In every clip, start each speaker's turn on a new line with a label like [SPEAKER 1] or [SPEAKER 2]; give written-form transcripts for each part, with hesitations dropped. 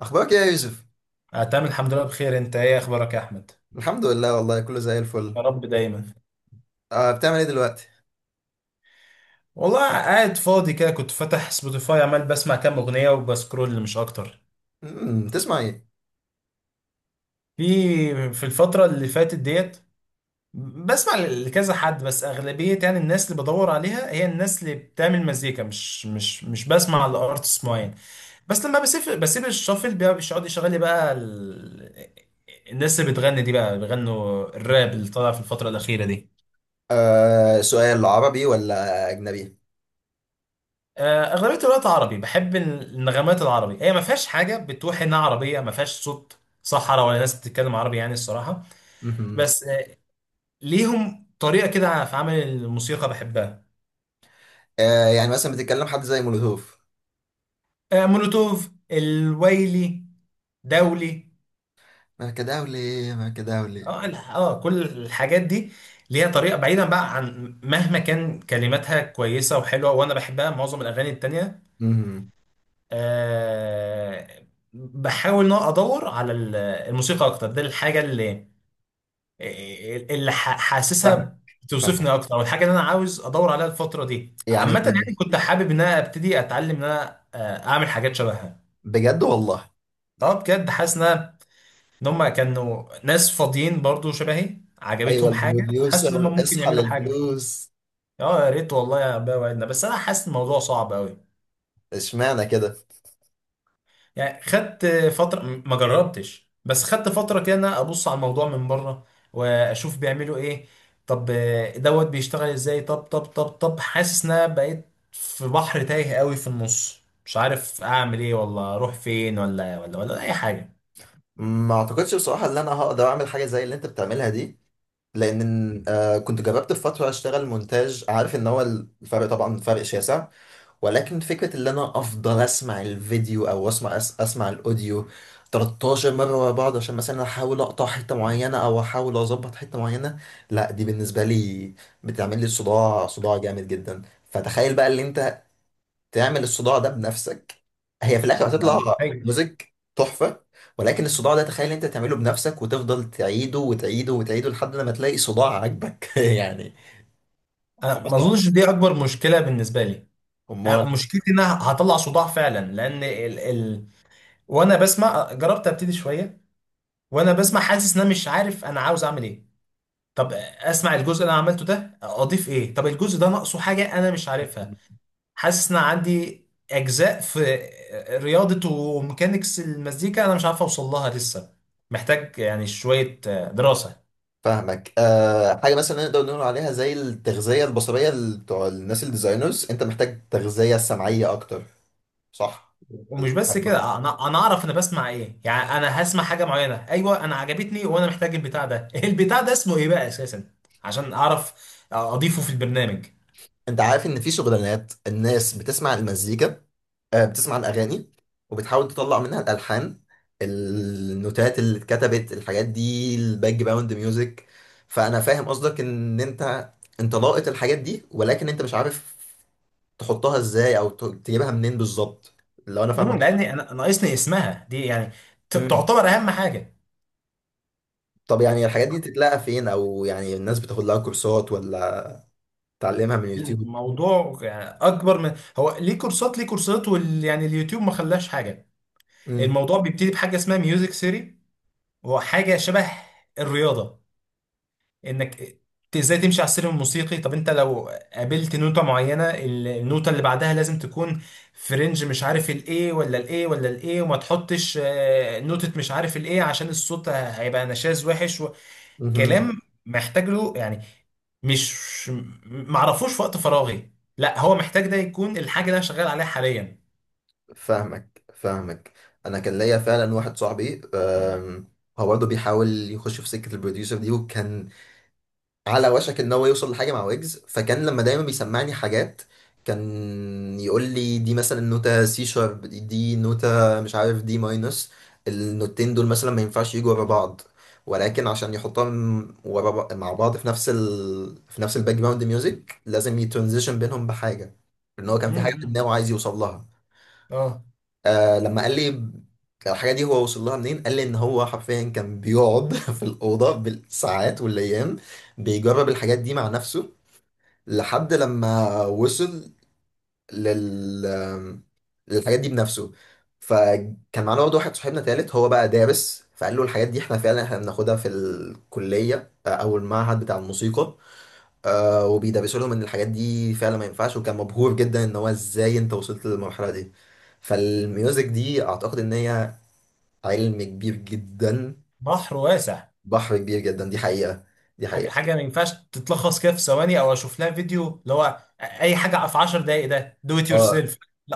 [SPEAKER 1] اخبارك ايه يا يوسف؟
[SPEAKER 2] آه، تمام الحمد لله بخير. انت ايه اخبارك يا احمد؟
[SPEAKER 1] الحمد لله، والله كله زي الفل.
[SPEAKER 2] يا رب دايما.
[SPEAKER 1] آه، بتعمل ايه دلوقتي؟
[SPEAKER 2] والله قاعد فاضي كده، كنت فاتح سبوتيفاي عمال بسمع كام اغنيه وبسكرول مش اكتر.
[SPEAKER 1] تسمع ايه؟
[SPEAKER 2] في في الفتره اللي فاتت ديت بسمع لكذا حد، بس اغلبيه يعني الناس اللي بدور عليها هي الناس اللي بتعمل مزيكا، مش بسمع لارتست معين. بس لما بسيب الشافل بقى بيقعد يشغل لي بقى الناس اللي بتغني دي بقى بيغنوا الراب اللي طالع في الفتره الاخيره دي.
[SPEAKER 1] آه، سؤال عربي ولا اجنبي؟
[SPEAKER 2] آه، اغلبيه الوقت عربي، بحب النغمات العربي هي ما فيهاش حاجه بتوحي انها عربيه، ما فيهاش صوت صحراء ولا ناس بتتكلم عربي يعني الصراحه.
[SPEAKER 1] مهم.
[SPEAKER 2] بس ليهم طريقه كده في عمل الموسيقى بحبها.
[SPEAKER 1] آه، يعني مثلا بتتكلم حد زي مولوتوف.
[SPEAKER 2] آه، مولوتوف الويلي دولي.
[SPEAKER 1] ما كداولي، ما كداولي.
[SPEAKER 2] كل الحاجات دي ليها طريقه، بعيدا بقى عن مهما كان كلماتها كويسه وحلوه وانا بحبها معظم الاغاني التانيه.
[SPEAKER 1] امم
[SPEAKER 2] آه، بحاول ان أنا ادور على الموسيقى اكتر، ده الحاجه اللي
[SPEAKER 1] فاهمك،
[SPEAKER 2] حاسسها
[SPEAKER 1] فاهمك،
[SPEAKER 2] بتوصفني اكتر او الحاجه اللي انا عاوز ادور عليها الفتره دي
[SPEAKER 1] يعني،
[SPEAKER 2] عامه، يعني كنت حابب ان انا ابتدي اتعلم ان انا اعمل حاجات شبهها.
[SPEAKER 1] بجد والله.
[SPEAKER 2] اه بجد حاسس إن هم كانوا ناس فاضيين برضو شبهي
[SPEAKER 1] ايوه،
[SPEAKER 2] عجبتهم حاجه، وحاسس ان
[SPEAKER 1] البروديوسر
[SPEAKER 2] هم ممكن
[SPEAKER 1] اصحى
[SPEAKER 2] يعملوا حاجه.
[SPEAKER 1] للفلوس.
[SPEAKER 2] اه يا ريت والله يا بقى وعدنا، بس انا حاسس الموضوع صعب قوي.
[SPEAKER 1] اشمعنى كده؟
[SPEAKER 2] يعني خدت فترة ما جربتش، بس خدت فترة كده إن أنا ابص على الموضوع من بره واشوف بيعملوا ايه. طب دوت بيشتغل ازاي، طب حاسس ان انا بقيت في بحر تايه قوي في النص، مش عارف اعمل ايه ولا اروح فين ولا اي حاجة.
[SPEAKER 1] ما اعتقدش بصراحه ان انا هقدر اعمل حاجه زي اللي انت بتعملها دي. لان كنت جربت في فتره اشتغل مونتاج، عارف ان هو الفرق طبعا فرق شاسع. ولكن فكرة اللي انا افضل اسمع الفيديو او اسمع اسمع الاوديو 13 مرة ورا بعض، عشان مثلا احاول اقطع حتة معينة او احاول اظبط حتة معينة. لا، دي بالنسبة لي بتعمل لي صداع، صداع جامد جدا. فتخيل بقى اللي انت تعمل الصداع ده بنفسك. هي في الاخر هتطلع
[SPEAKER 2] أيوة.
[SPEAKER 1] ميوزك تحفة. ولكن الصداع ده تخيل انت تعمله بنفسك، وتفضل تعيده وتعيده وتعيده لحد لما تلاقي صداع عاجبك يعني.
[SPEAKER 2] انا
[SPEAKER 1] حوار
[SPEAKER 2] ما
[SPEAKER 1] صعب.
[SPEAKER 2] اظنش دي اكبر مشكلة بالنسبة لي.
[SPEAKER 1] امال.
[SPEAKER 2] مشكلتي ان انا هطلع صداع فعلا لان وانا بسمع، جربت ابتدي شوية وانا بسمع حاسس ان انا مش عارف انا عاوز اعمل ايه. طب اسمع الجزء اللي انا عملته ده اضيف ايه؟ طب الجزء ده ناقصه حاجه انا مش عارفها، حاسس ان عندي اجزاء في رياضه وميكانيكس المزيكا انا مش عارف اوصل لها لسه، محتاج يعني شويه دراسه.
[SPEAKER 1] فاهمك، حاجه مثلا نقدر نقول عليها زي التغذيه البصريه، بتوع الناس الديزاينرز، انت محتاج تغذيه سمعيه اكتر. صح.
[SPEAKER 2] ومش بس كده، انا اعرف انا بسمع ايه، يعني انا هسمع حاجه معينه، ايوه انا عجبتني وانا محتاج البتاع ده البتاع ده اسمه ايه بقى اساسا عشان اعرف اضيفه في البرنامج.
[SPEAKER 1] انت عارف ان في شغلانات الناس بتسمع المزيكا؟ أه، بتسمع الاغاني وبتحاول تطلع منها الالحان، النوتات اللي اتكتبت، الحاجات دي الباك جراوند ميوزك. فانا فاهم قصدك ان انت لاقط الحاجات دي، ولكن انت مش عارف تحطها ازاي او تجيبها منين بالظبط، لو انا فاهمك.
[SPEAKER 2] لان انا ناقصني اسمها دي يعني
[SPEAKER 1] صح؟
[SPEAKER 2] تعتبر اهم حاجه.
[SPEAKER 1] طب يعني الحاجات دي تتلاقى فين، او يعني الناس بتاخد لها كورسات ولا تعلمها من يوتيوب؟
[SPEAKER 2] الموضوع يعني اكبر من هو ليه كورسات ليه كورسات يعني اليوتيوب ما خلاش حاجه.
[SPEAKER 1] امم
[SPEAKER 2] الموضوع بيبتدي بحاجه اسمها ميوزك ثيري، وهو حاجه شبه الرياضه، انك ازاي تمشي على السلم الموسيقي. طب انت لو قابلت نوتة معينة، النوتة اللي بعدها لازم تكون في رينج مش عارف الايه ولا الايه ولا الايه، وما تحطش نوتة مش عارف الايه عشان الصوت هيبقى نشاز وحش.
[SPEAKER 1] امم
[SPEAKER 2] كلام محتاج له يعني، مش معرفوش في وقت فراغي، لا هو محتاج ده يكون الحاجه اللي انا شغال عليها حاليا.
[SPEAKER 1] فاهمك، فاهمك. انا كان ليا فعلا واحد صاحبي، هو برضه بيحاول يخش في سكة البروديوسر دي، وكان على وشك ان هو يوصل لحاجه مع ويجز. فكان لما دايما بيسمعني حاجات، كان يقول لي دي مثلا نوتة سي شارب، دي نوتة مش عارف، دي ماينس. النوتين دول مثلا ما ينفعش يجوا ورا بعض. ولكن عشان يحطهم ورا مع بعض في نفس في نفس الباك جراوند ميوزك، لازم يترانزيشن بينهم بحاجه، لان هو كان في حاجه في
[SPEAKER 2] امم.
[SPEAKER 1] دماغه عايز يوصل لها.
[SPEAKER 2] اه.
[SPEAKER 1] آه، لما قال لي الحاجة دي هو وصل لها منين، قال لي ان هو حرفيا كان بيقعد في الأوضة بالساعات والأيام بيجرب الحاجات دي مع نفسه، لحد لما وصل لل للحاجات دي بنفسه. فكان معانا برضه واحد صاحبنا تالت هو بقى دارس، فقال له الحاجات دي احنا فعلا احنا بناخدها في الكلية، او المعهد بتاع الموسيقى. آه، وبيدرسوا لهم ان الحاجات دي فعلا ما ينفعش، وكان مبهور جدا ان هو ازاي انت وصلت للمرحله دي. فالميوزك دي اعتقد ان هي علم كبير جدا.
[SPEAKER 2] بحر واسع.
[SPEAKER 1] بحر كبير جدا، دي حقيقه، دي
[SPEAKER 2] حاجه
[SPEAKER 1] حقيقه.
[SPEAKER 2] حاجه ما ينفعش تتلخص كده في ثواني او اشوف لها فيديو اللي هو اي حاجه.
[SPEAKER 1] اه،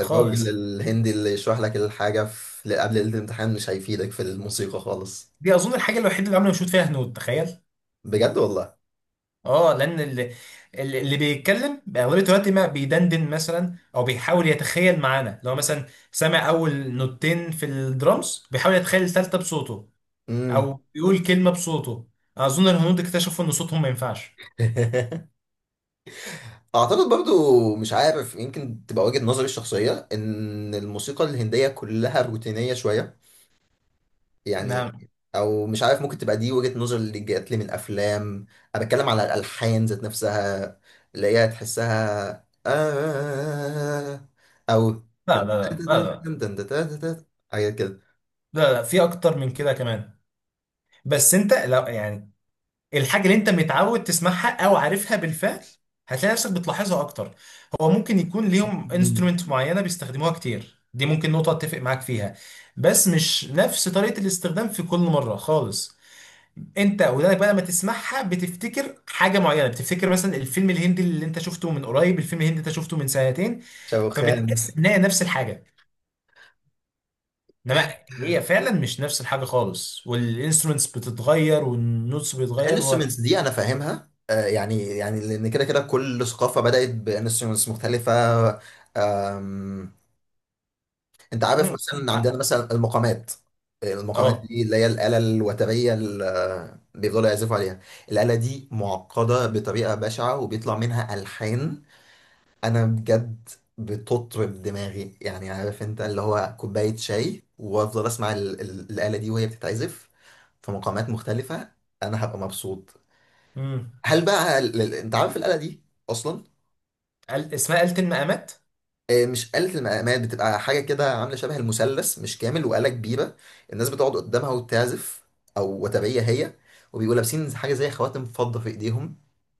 [SPEAKER 1] الراجل الهندي اللي يشرح لك الحاجه في قبل ليله الامتحان مش هيفيدك في الموسيقى خالص. بجد والله.
[SPEAKER 2] اه لان اللي بيتكلم اغلبيه الوقت ما بيدندن مثلا او بيحاول يتخيل معانا، لو مثلا سامع اول نوتين في الدرامز بيحاول يتخيل الثالثه بصوته
[SPEAKER 1] امم
[SPEAKER 2] او بيقول كلمه بصوته. اظن الهنود اكتشفوا ان صوتهم ما ينفعش.
[SPEAKER 1] اعتقد برضو، مش عارف، يمكن تبقى وجهة نظري الشخصيه ان الموسيقى الهنديه كلها روتينيه شويه، يعني.
[SPEAKER 2] نعم.
[SPEAKER 1] او مش عارف، ممكن تبقى دي وجهة نظر اللي جات لي من افلام. انا بتكلم على الالحان ذات نفسها، اللي هي تحسها، آه او
[SPEAKER 2] لا لا لا لا لا,
[SPEAKER 1] حاجات كده.
[SPEAKER 2] لا, لا, لا، في اكتر من كده كمان. بس انت لا يعني الحاجة اللي انت متعود تسمعها او عارفها بالفعل هتلاقي نفسك بتلاحظها اكتر. هو ممكن يكون ليهم
[SPEAKER 1] مم.
[SPEAKER 2] انسترومنت معينة بيستخدموها كتير، دي ممكن نقطة اتفق معاك فيها، بس مش نفس طريقة الاستخدام في كل مرة خالص. انت ودانك بقى لما تسمعها بتفتكر حاجة معينة، بتفتكر مثلا الفيلم الهندي اللي انت شفته من قريب، الفيلم الهندي اللي انت شفته من سنتين،
[SPEAKER 1] شوخان.
[SPEAKER 2] فبتحس ان هي نفس الحاجة، انما هي فعلا مش نفس الحاجة خالص، والانسترومنتس بتتغير والنوتس بيتغير
[SPEAKER 1] الانسترومنتس دي انا فاهمها، يعني، يعني لان كده كده كل ثقافه بدات بانسترومنتس مختلفه. انت عارف
[SPEAKER 2] مم.
[SPEAKER 1] مثلا عندنا مثلا المقامات. المقامات
[SPEAKER 2] اه.
[SPEAKER 1] دي اللي هي الآلة الوترية اللي بيفضلوا يعزفوا عليها. الآلة دي معقدة بطريقة بشعة وبيطلع منها ألحان. أنا بجد بتطرب دماغي، يعني عارف انت اللي هو كوباية شاي وافضل اسمع الآلة دي وهي بتتعزف في مقامات مختلفة، انا هبقى مبسوط.
[SPEAKER 2] مم.
[SPEAKER 1] هل بقى، انت عارف الآلة دي اصلا؟
[SPEAKER 2] قال اسمها آلة المقامات.
[SPEAKER 1] آه، مش آلة المقامات، بتبقى حاجة كده عاملة شبه المثلث مش كامل، وآلة كبيرة. الناس بتقعد قدامها وتعزف، أو وتبية هي، وبيبقوا لابسين حاجة زي خواتم فضة في إيديهم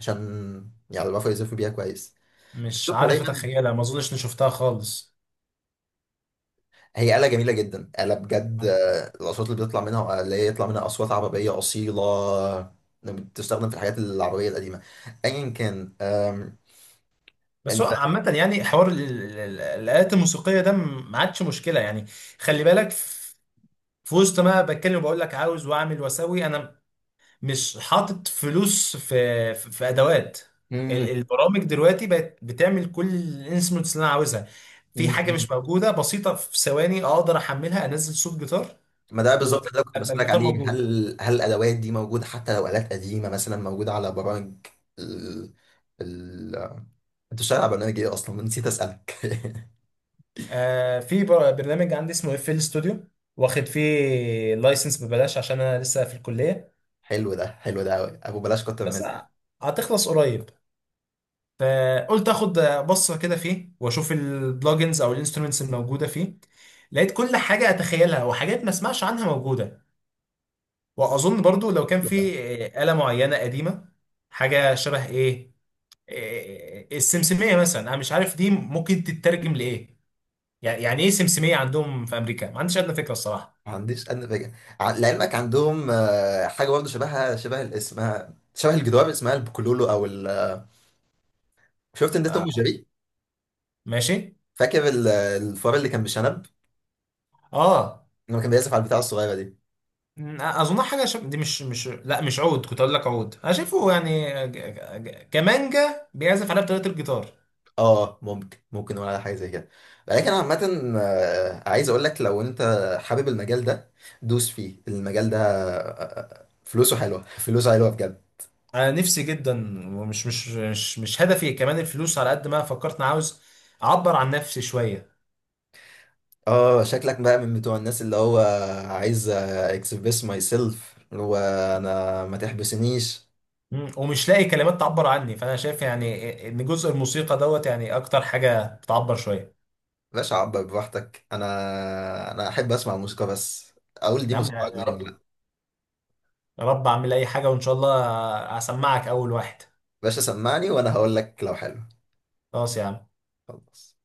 [SPEAKER 1] عشان يعرفوا يعزفوا بيها كويس.
[SPEAKER 2] مش
[SPEAKER 1] بتشوفها
[SPEAKER 2] عارف
[SPEAKER 1] دايما.
[SPEAKER 2] اتخيلها، ما اظنش اني شفتها خالص.
[SPEAKER 1] هي آلة جميلة جدا، آلة بجد، الأصوات اللي بيطلع منها، اللي هي يطلع منها أصوات عربية أصيلة، بتستخدم في الحاجات العربية القديمة، أيا كان.
[SPEAKER 2] بس هو
[SPEAKER 1] أنت.
[SPEAKER 2] عامة يعني حوار الآلات الموسيقية ده ما عادش مشكلة يعني. خلي بالك في وسط ما بتكلم وبقول لك عاوز واعمل واسوي، انا مش حاطط فلوس في ادوات. البرامج دلوقتي بقت بتعمل كل الانسترومنتس اللي انا عاوزها. في حاجة
[SPEAKER 1] مم.
[SPEAKER 2] مش موجودة بسيطة، في ثواني اقدر احملها، انزل صوت جيتار
[SPEAKER 1] ما ده بالظبط
[SPEAKER 2] وابقى
[SPEAKER 1] اللي أنا كنت بسألك
[SPEAKER 2] الجيتار
[SPEAKER 1] عليه،
[SPEAKER 2] موجود.
[SPEAKER 1] هل الأدوات دي موجودة حتى لو آلات قديمة مثلا موجودة على برامج؟ ال ال أنت شغال على برنامج إيه أصلا؟ نسيت أسألك
[SPEAKER 2] آه، في برنامج عندي اسمه FL ستوديو، واخد فيه لايسنس ببلاش عشان انا لسه في الكليه،
[SPEAKER 1] حلو ده، حلو ده أوي، أبو بلاش كتر
[SPEAKER 2] بس
[SPEAKER 1] منه.
[SPEAKER 2] هتخلص قريب. فقلت اخد بصه كده فيه واشوف البلوجنز او الانسترومنتس الموجوده فيه. لقيت كل حاجه اتخيلها وحاجات ما اسمعش عنها موجوده. واظن برضو لو كان
[SPEAKER 1] حلو ده.
[SPEAKER 2] في آلة معينه قديمه، حاجه شبه ايه، السمسميه مثلا انا مش عارف دي ممكن تترجم لايه، يعني ايه سمسميه عندهم في امريكا، ما عنديش ادنى فكره الصراحه.
[SPEAKER 1] ما عنديش أدنى فكرة. لعلمك عندهم، حاجة برضه شبهها، شبه اسمها، شبه الجدار، اسمها البوكلولو أو شفت إن ده توم
[SPEAKER 2] آه،
[SPEAKER 1] وجيري.
[SPEAKER 2] ماشي.
[SPEAKER 1] فاكر الفار اللي كان بشنب
[SPEAKER 2] اه.
[SPEAKER 1] لما كان بيعزف على البتاعة الصغيرة دي؟
[SPEAKER 2] اظن حاجه دي مش مش لا مش عود، كنت اقول لك عود انا شايفه يعني كمانجا بيعزف عليها بطريقه الجيتار.
[SPEAKER 1] اه، ممكن، ممكن نقول على حاجه زي كده. لكن عامه، عايز اقول لك لو انت حابب المجال ده، دوس فيه، المجال ده فلوسه حلوه فلوسه حلوه بجد.
[SPEAKER 2] انا نفسي جدا، ومش مش مش مش هدفي كمان الفلوس على قد ما فكرت، انا عاوز اعبر عن نفسي شويه.
[SPEAKER 1] اه، شكلك بقى من بتوع الناس اللي هو عايز اكسبريس ماي سيلف وانا ما تحبسنيش.
[SPEAKER 2] مم. ومش لاقي كلمات تعبر عني، فانا شايف يعني ان جزء الموسيقى دوت يعني اكتر حاجه بتعبر شويه.
[SPEAKER 1] باشا، عبر براحتك، انا احب اسمع الموسيقى بس اقول دي
[SPEAKER 2] يا عم
[SPEAKER 1] موسيقى
[SPEAKER 2] يعني يا
[SPEAKER 1] عجباني
[SPEAKER 2] رب.
[SPEAKER 1] ولا لا.
[SPEAKER 2] يا رب اعمل اي حاجه وان شاء الله اسمعك اول واحد.
[SPEAKER 1] باشا سمعني وانا هقول لك لو حلو.
[SPEAKER 2] خلاص يا عم.
[SPEAKER 1] خلاص.